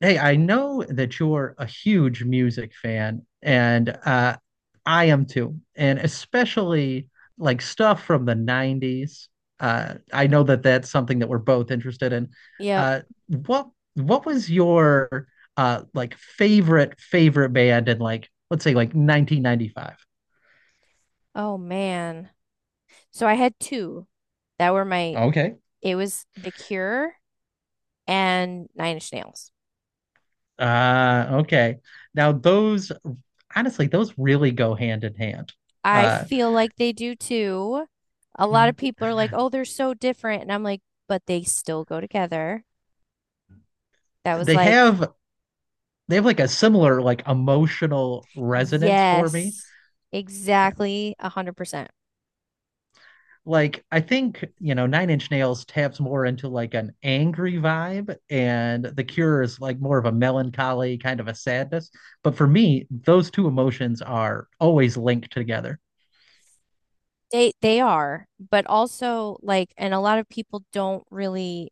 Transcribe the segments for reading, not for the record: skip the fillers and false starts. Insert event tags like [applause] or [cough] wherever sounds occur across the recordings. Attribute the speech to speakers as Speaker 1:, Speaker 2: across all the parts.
Speaker 1: Hey, I know that you're a huge music fan, and I am too, and especially like stuff from the 90s. I know that that's something that we're both interested in.
Speaker 2: Yep.
Speaker 1: Uh, what was your like favorite band in like let's say like 1995?
Speaker 2: Oh man. So I had two that were my,
Speaker 1: Okay.
Speaker 2: it was The Cure and Nine Inch Nails.
Speaker 1: Okay. Now those, honestly, those really go hand in hand.
Speaker 2: I
Speaker 1: Uh,
Speaker 2: feel like they do too. A lot
Speaker 1: Yeah,
Speaker 2: of people are like, oh, they're so different. And I'm like, but they still go together. That was
Speaker 1: they
Speaker 2: like,
Speaker 1: have they have like a similar like emotional resonance for me.
Speaker 2: yes,
Speaker 1: Yeah.
Speaker 2: exactly. 100%.
Speaker 1: Like I think, Nine Inch Nails taps more into like an angry vibe and The Cure is like more of a melancholy kind of a sadness, but for me, those two emotions are always linked together.
Speaker 2: They are, but also like, and a lot of people don't really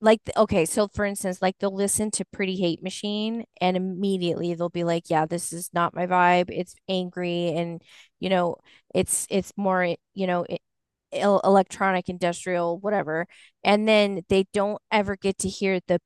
Speaker 2: like okay, so for instance like they'll listen to Pretty Hate Machine and immediately they'll be like, yeah, this is not my vibe, it's angry and you know it's more electronic, industrial, whatever, and then they don't ever get to hear the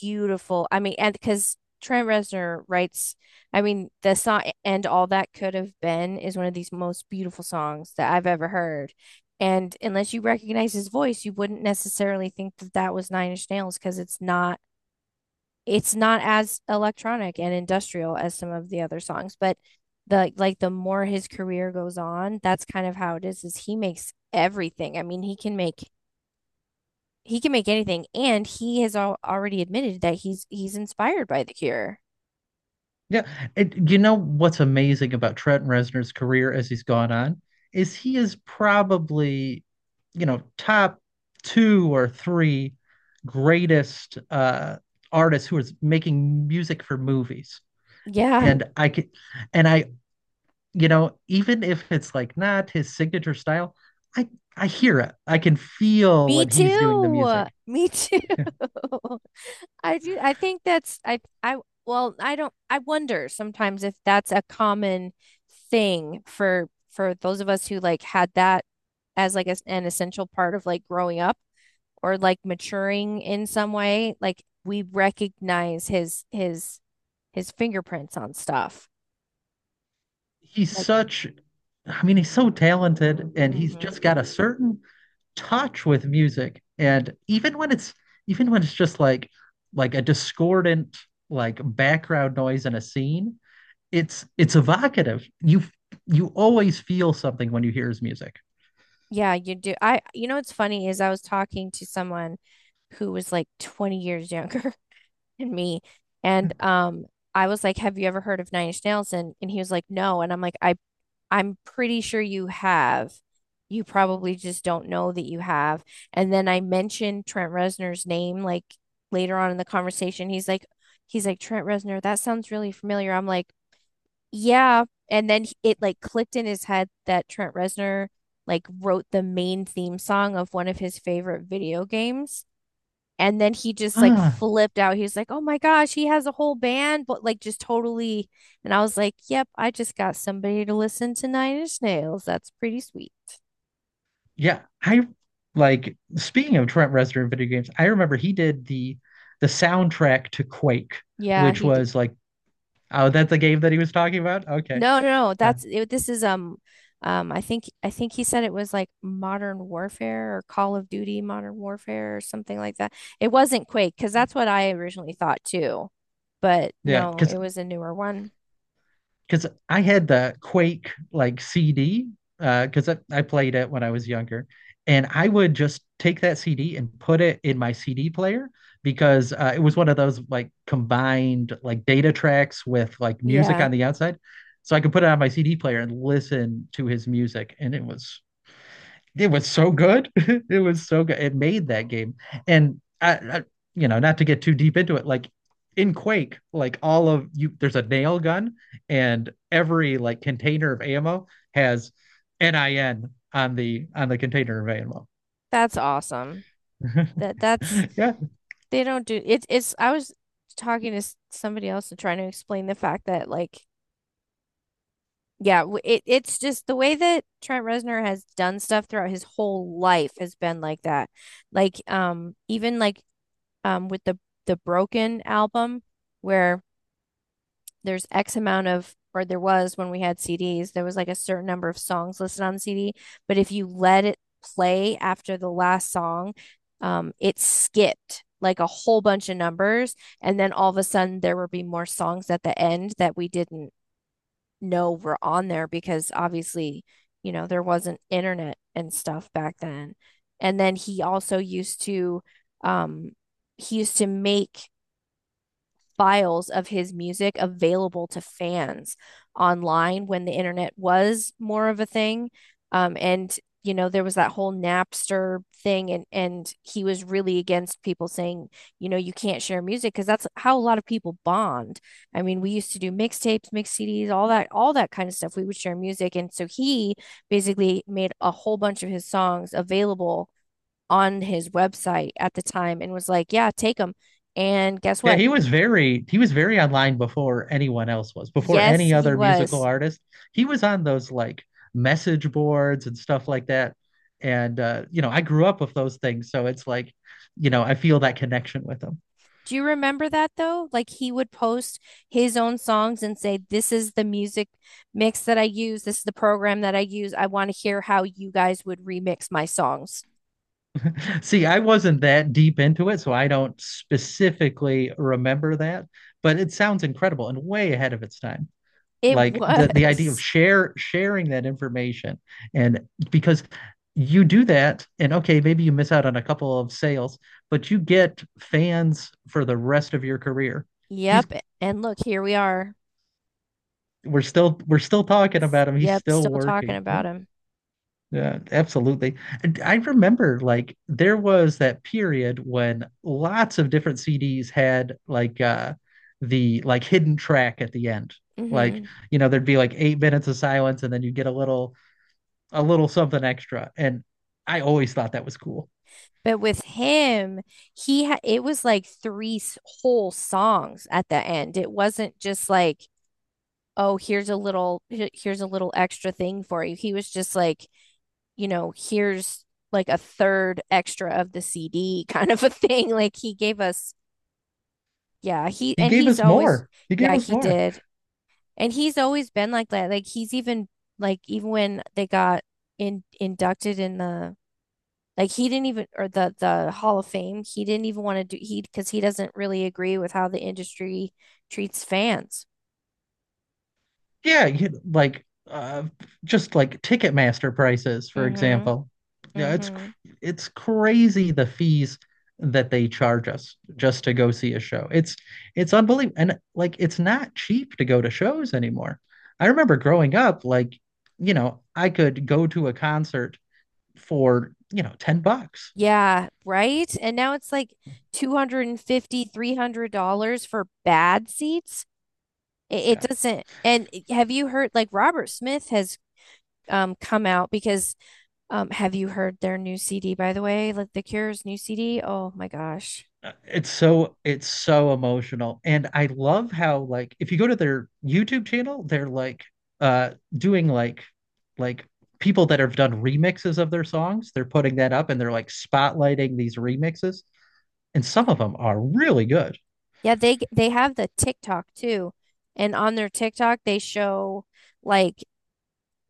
Speaker 2: beautiful, I mean and because Trent Reznor writes, I mean, the song "And All That Could Have Been" is one of these most beautiful songs that I've ever heard. And unless you recognize his voice, you wouldn't necessarily think that that was Nine Inch Nails, because it's not, it's not as electronic and industrial as some of the other songs. But the like the more his career goes on, that's kind of how it is he makes everything. I mean, he can make, he can make anything, and he has al already admitted that he's inspired by The Cure.
Speaker 1: Yeah, and you know what's amazing about Trent Reznor's career as he's gone on is he is probably, top two or three greatest artists who is making music for movies.
Speaker 2: Yeah,
Speaker 1: And I can, and I, even if it's like not his signature style, I I hear it. I can feel
Speaker 2: me
Speaker 1: when he's doing the
Speaker 2: too.
Speaker 1: music.
Speaker 2: Me too. [laughs] I do, I think that's I well, I don't, I wonder sometimes if that's a common thing for those of us who like had that as like an essential part of like growing up or like maturing in some way, like we recognize his his fingerprints on stuff
Speaker 1: He's
Speaker 2: like.
Speaker 1: such, I mean, he's so talented, and he's
Speaker 2: Mm-hmm.
Speaker 1: just got a certain touch with music, and even when it's just like a discordant like background noise in a scene, it's evocative. You always feel something when you hear his music.
Speaker 2: Yeah, you do. I, you know what's funny is I was talking to someone who was like 20 years younger [laughs] than me, and I was like, have you ever heard of Nine Inch Nails? And he was like, no. And I'm like, I I'm pretty sure you have. You probably just don't know that you have. And then I mentioned Trent Reznor's name like later on in the conversation. He's like, Trent Reznor, that sounds really familiar. I'm like, yeah. And then it like clicked in his head that Trent Reznor like wrote the main theme song of one of his favorite video games. And then he just like
Speaker 1: Ah,
Speaker 2: flipped out. He was like, "Oh my gosh, he has a whole band," but like just totally. And I was like, "Yep, I just got somebody to listen to Nine Inch Nails. That's pretty sweet."
Speaker 1: yeah, I like, speaking of Trent Reznor in video games, I remember he did the soundtrack to Quake,
Speaker 2: Yeah,
Speaker 1: which
Speaker 2: he did.
Speaker 1: was like, oh, that's the game that he was talking about. Okay.
Speaker 2: No, no, no.
Speaker 1: Uh,
Speaker 2: That's it, this is I think he said it was like Modern Warfare or Call of Duty Modern Warfare or something like that. It wasn't Quake because that's what I originally thought too. But
Speaker 1: yeah,
Speaker 2: no,
Speaker 1: because
Speaker 2: it was a newer one.
Speaker 1: because I had the Quake like CD because I played it when I was younger, and I would just take that CD and put it in my CD player because it was one of those like combined like data tracks with like music
Speaker 2: Yeah,
Speaker 1: on the outside, so I could put it on my CD player and listen to his music, and it was so good. [laughs] It was so good. It made that game. And I, I, not to get too deep into it, like in Quake, like all of you, there's a nail gun, and every like container of ammo has NIN on the container of ammo.
Speaker 2: that's awesome. That that's
Speaker 1: [laughs] Yeah.
Speaker 2: They don't do it. It's, I was talking to somebody else and trying to explain the fact that like, yeah, it it's just the way that Trent Reznor has done stuff throughout his whole life has been like that. Like even like with the Broken album where there's X amount of, or there was, when we had CDs, there was like a certain number of songs listed on the CD. But if you let it play after the last song, it skipped like a whole bunch of numbers. And then all of a sudden, there would be more songs at the end that we didn't know were on there, because obviously, you know, there wasn't internet and stuff back then. And then he also used to, um, he used to make files of his music available to fans online when the internet was more of a thing. And you know, there was that whole Napster thing, and he was really against people saying, you know, you can't share music, because that's how a lot of people bond. I mean, we used to do mixtapes, mix CDs, all that kind of stuff. We would share music, and so he basically made a whole bunch of his songs available on his website at the time and was like, yeah, take them. And guess
Speaker 1: Yeah,
Speaker 2: what?
Speaker 1: he was very online before anyone else was, before
Speaker 2: Yes,
Speaker 1: any
Speaker 2: he
Speaker 1: other musical
Speaker 2: was.
Speaker 1: artist. He was on those like message boards and stuff like that. And I grew up with those things, so it's like, I feel that connection with him.
Speaker 2: Do you remember that though? Like he would post his own songs and say, this is the music mix that I use. This is the program that I use. I want to hear how you guys would remix my songs.
Speaker 1: See, I wasn't that deep into it, so I don't specifically remember that, but it sounds incredible and way ahead of its time.
Speaker 2: It
Speaker 1: Like the idea of
Speaker 2: was. [laughs]
Speaker 1: share sharing that information, and because you do that and okay, maybe you miss out on a couple of sales, but you get fans for the rest of your career. He's
Speaker 2: Yep. And look, here we are.
Speaker 1: We're still talking about him. He's
Speaker 2: Yep.
Speaker 1: still
Speaker 2: Still talking
Speaker 1: working. Yeah.
Speaker 2: about him.
Speaker 1: Yeah, absolutely. And I remember like there was that period when lots of different CDs had like the like hidden track at the end. Like,
Speaker 2: Hmm.
Speaker 1: there'd be like 8 minutes of silence and then you get a little something extra. And I always thought that was cool.
Speaker 2: But with him, he it was like three whole songs at the end. It wasn't just like, oh, here's a little, here's a little extra thing for you. He was just like, you know, here's like a third extra of the CD [laughs] kind of a thing. Like he gave us, yeah, he
Speaker 1: He
Speaker 2: and
Speaker 1: gave
Speaker 2: he's
Speaker 1: us
Speaker 2: always,
Speaker 1: more. He
Speaker 2: yeah,
Speaker 1: gave us
Speaker 2: he
Speaker 1: more.
Speaker 2: did. And he's always been like that. Like he's even like even when they got in inducted in the like he didn't even, or the Hall of Fame, he didn't even want to do, he because he doesn't really agree with how the industry treats fans.
Speaker 1: Yeah, you- like uh, just like Ticketmaster prices, for
Speaker 2: Mm-hmm.
Speaker 1: example. Yeah, it's cr-
Speaker 2: Mm-hmm.
Speaker 1: it's crazy the fees that they charge us just to go see a show. It's unbelievable, and like it's not cheap to go to shows anymore. I remember growing up, like I could go to a concert for 10 bucks.
Speaker 2: Yeah, right? And now it's like 250, $300 for bad seats. It
Speaker 1: Yeah,
Speaker 2: doesn't. And have you heard like Robert Smith has come out because have you heard their new CD, by the way? Like The Cure's new CD? Oh my gosh.
Speaker 1: it's so emotional. And I love how like if you go to their YouTube channel, they're like doing like like people that have done remixes of their songs. They're putting that up and they're like spotlighting these remixes. And some of them are really good.
Speaker 2: Yeah, they have the TikTok too. And on their TikTok they show like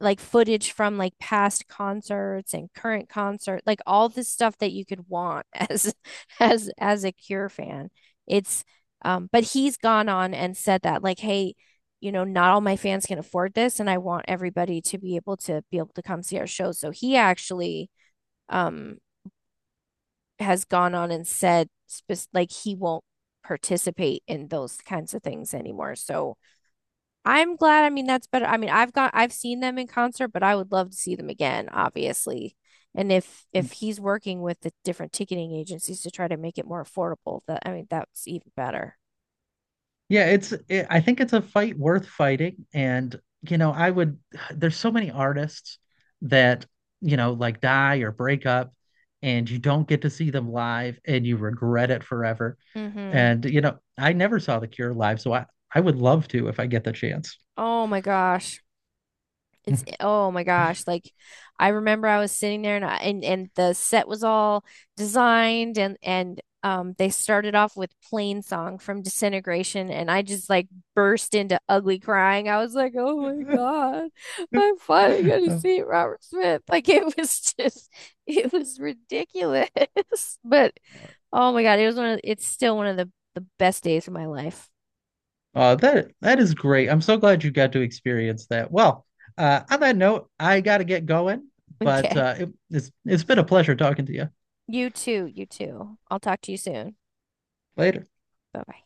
Speaker 2: like footage from like past concerts and current concert, like all this stuff that you could want as [laughs] as a Cure fan. It's but he's gone on and said that like, hey, you know, not all my fans can afford this and I want everybody to be able to be able to come see our show. So he actually um has gone on and said like he won't participate in those kinds of things anymore. So I'm glad. I mean, that's better. I mean, I've seen them in concert, but I would love to see them again, obviously. And if he's working with the different ticketing agencies to try to make it more affordable, that I mean, that's even better.
Speaker 1: Yeah, I think it's a fight worth fighting. And I would [sighs] there's so many artists that like die or break up, and you don't get to see them live and you regret it forever.
Speaker 2: Mm-hmm.
Speaker 1: And I never saw The Cure live, so I would love to if I get the chance.
Speaker 2: Oh my gosh. It's oh my gosh, like I remember I was sitting there and I, and the set was all designed and they started off with Plain Song from Disintegration and I just like burst into ugly crying. I was like, "Oh my
Speaker 1: [laughs]
Speaker 2: God. I'm finally going to see Robert Smith." [laughs] Like it was just it was ridiculous. [laughs] But
Speaker 1: [laughs]
Speaker 2: oh my God, it was one of it's still one of the best days of my life. [laughs]
Speaker 1: That is great. I'm so glad you got to experience that. Well, on that note, I got to get going, but
Speaker 2: Okay.
Speaker 1: it's been a pleasure talking to you.
Speaker 2: You too, you too. I'll talk to you soon.
Speaker 1: Later.
Speaker 2: Bye-bye.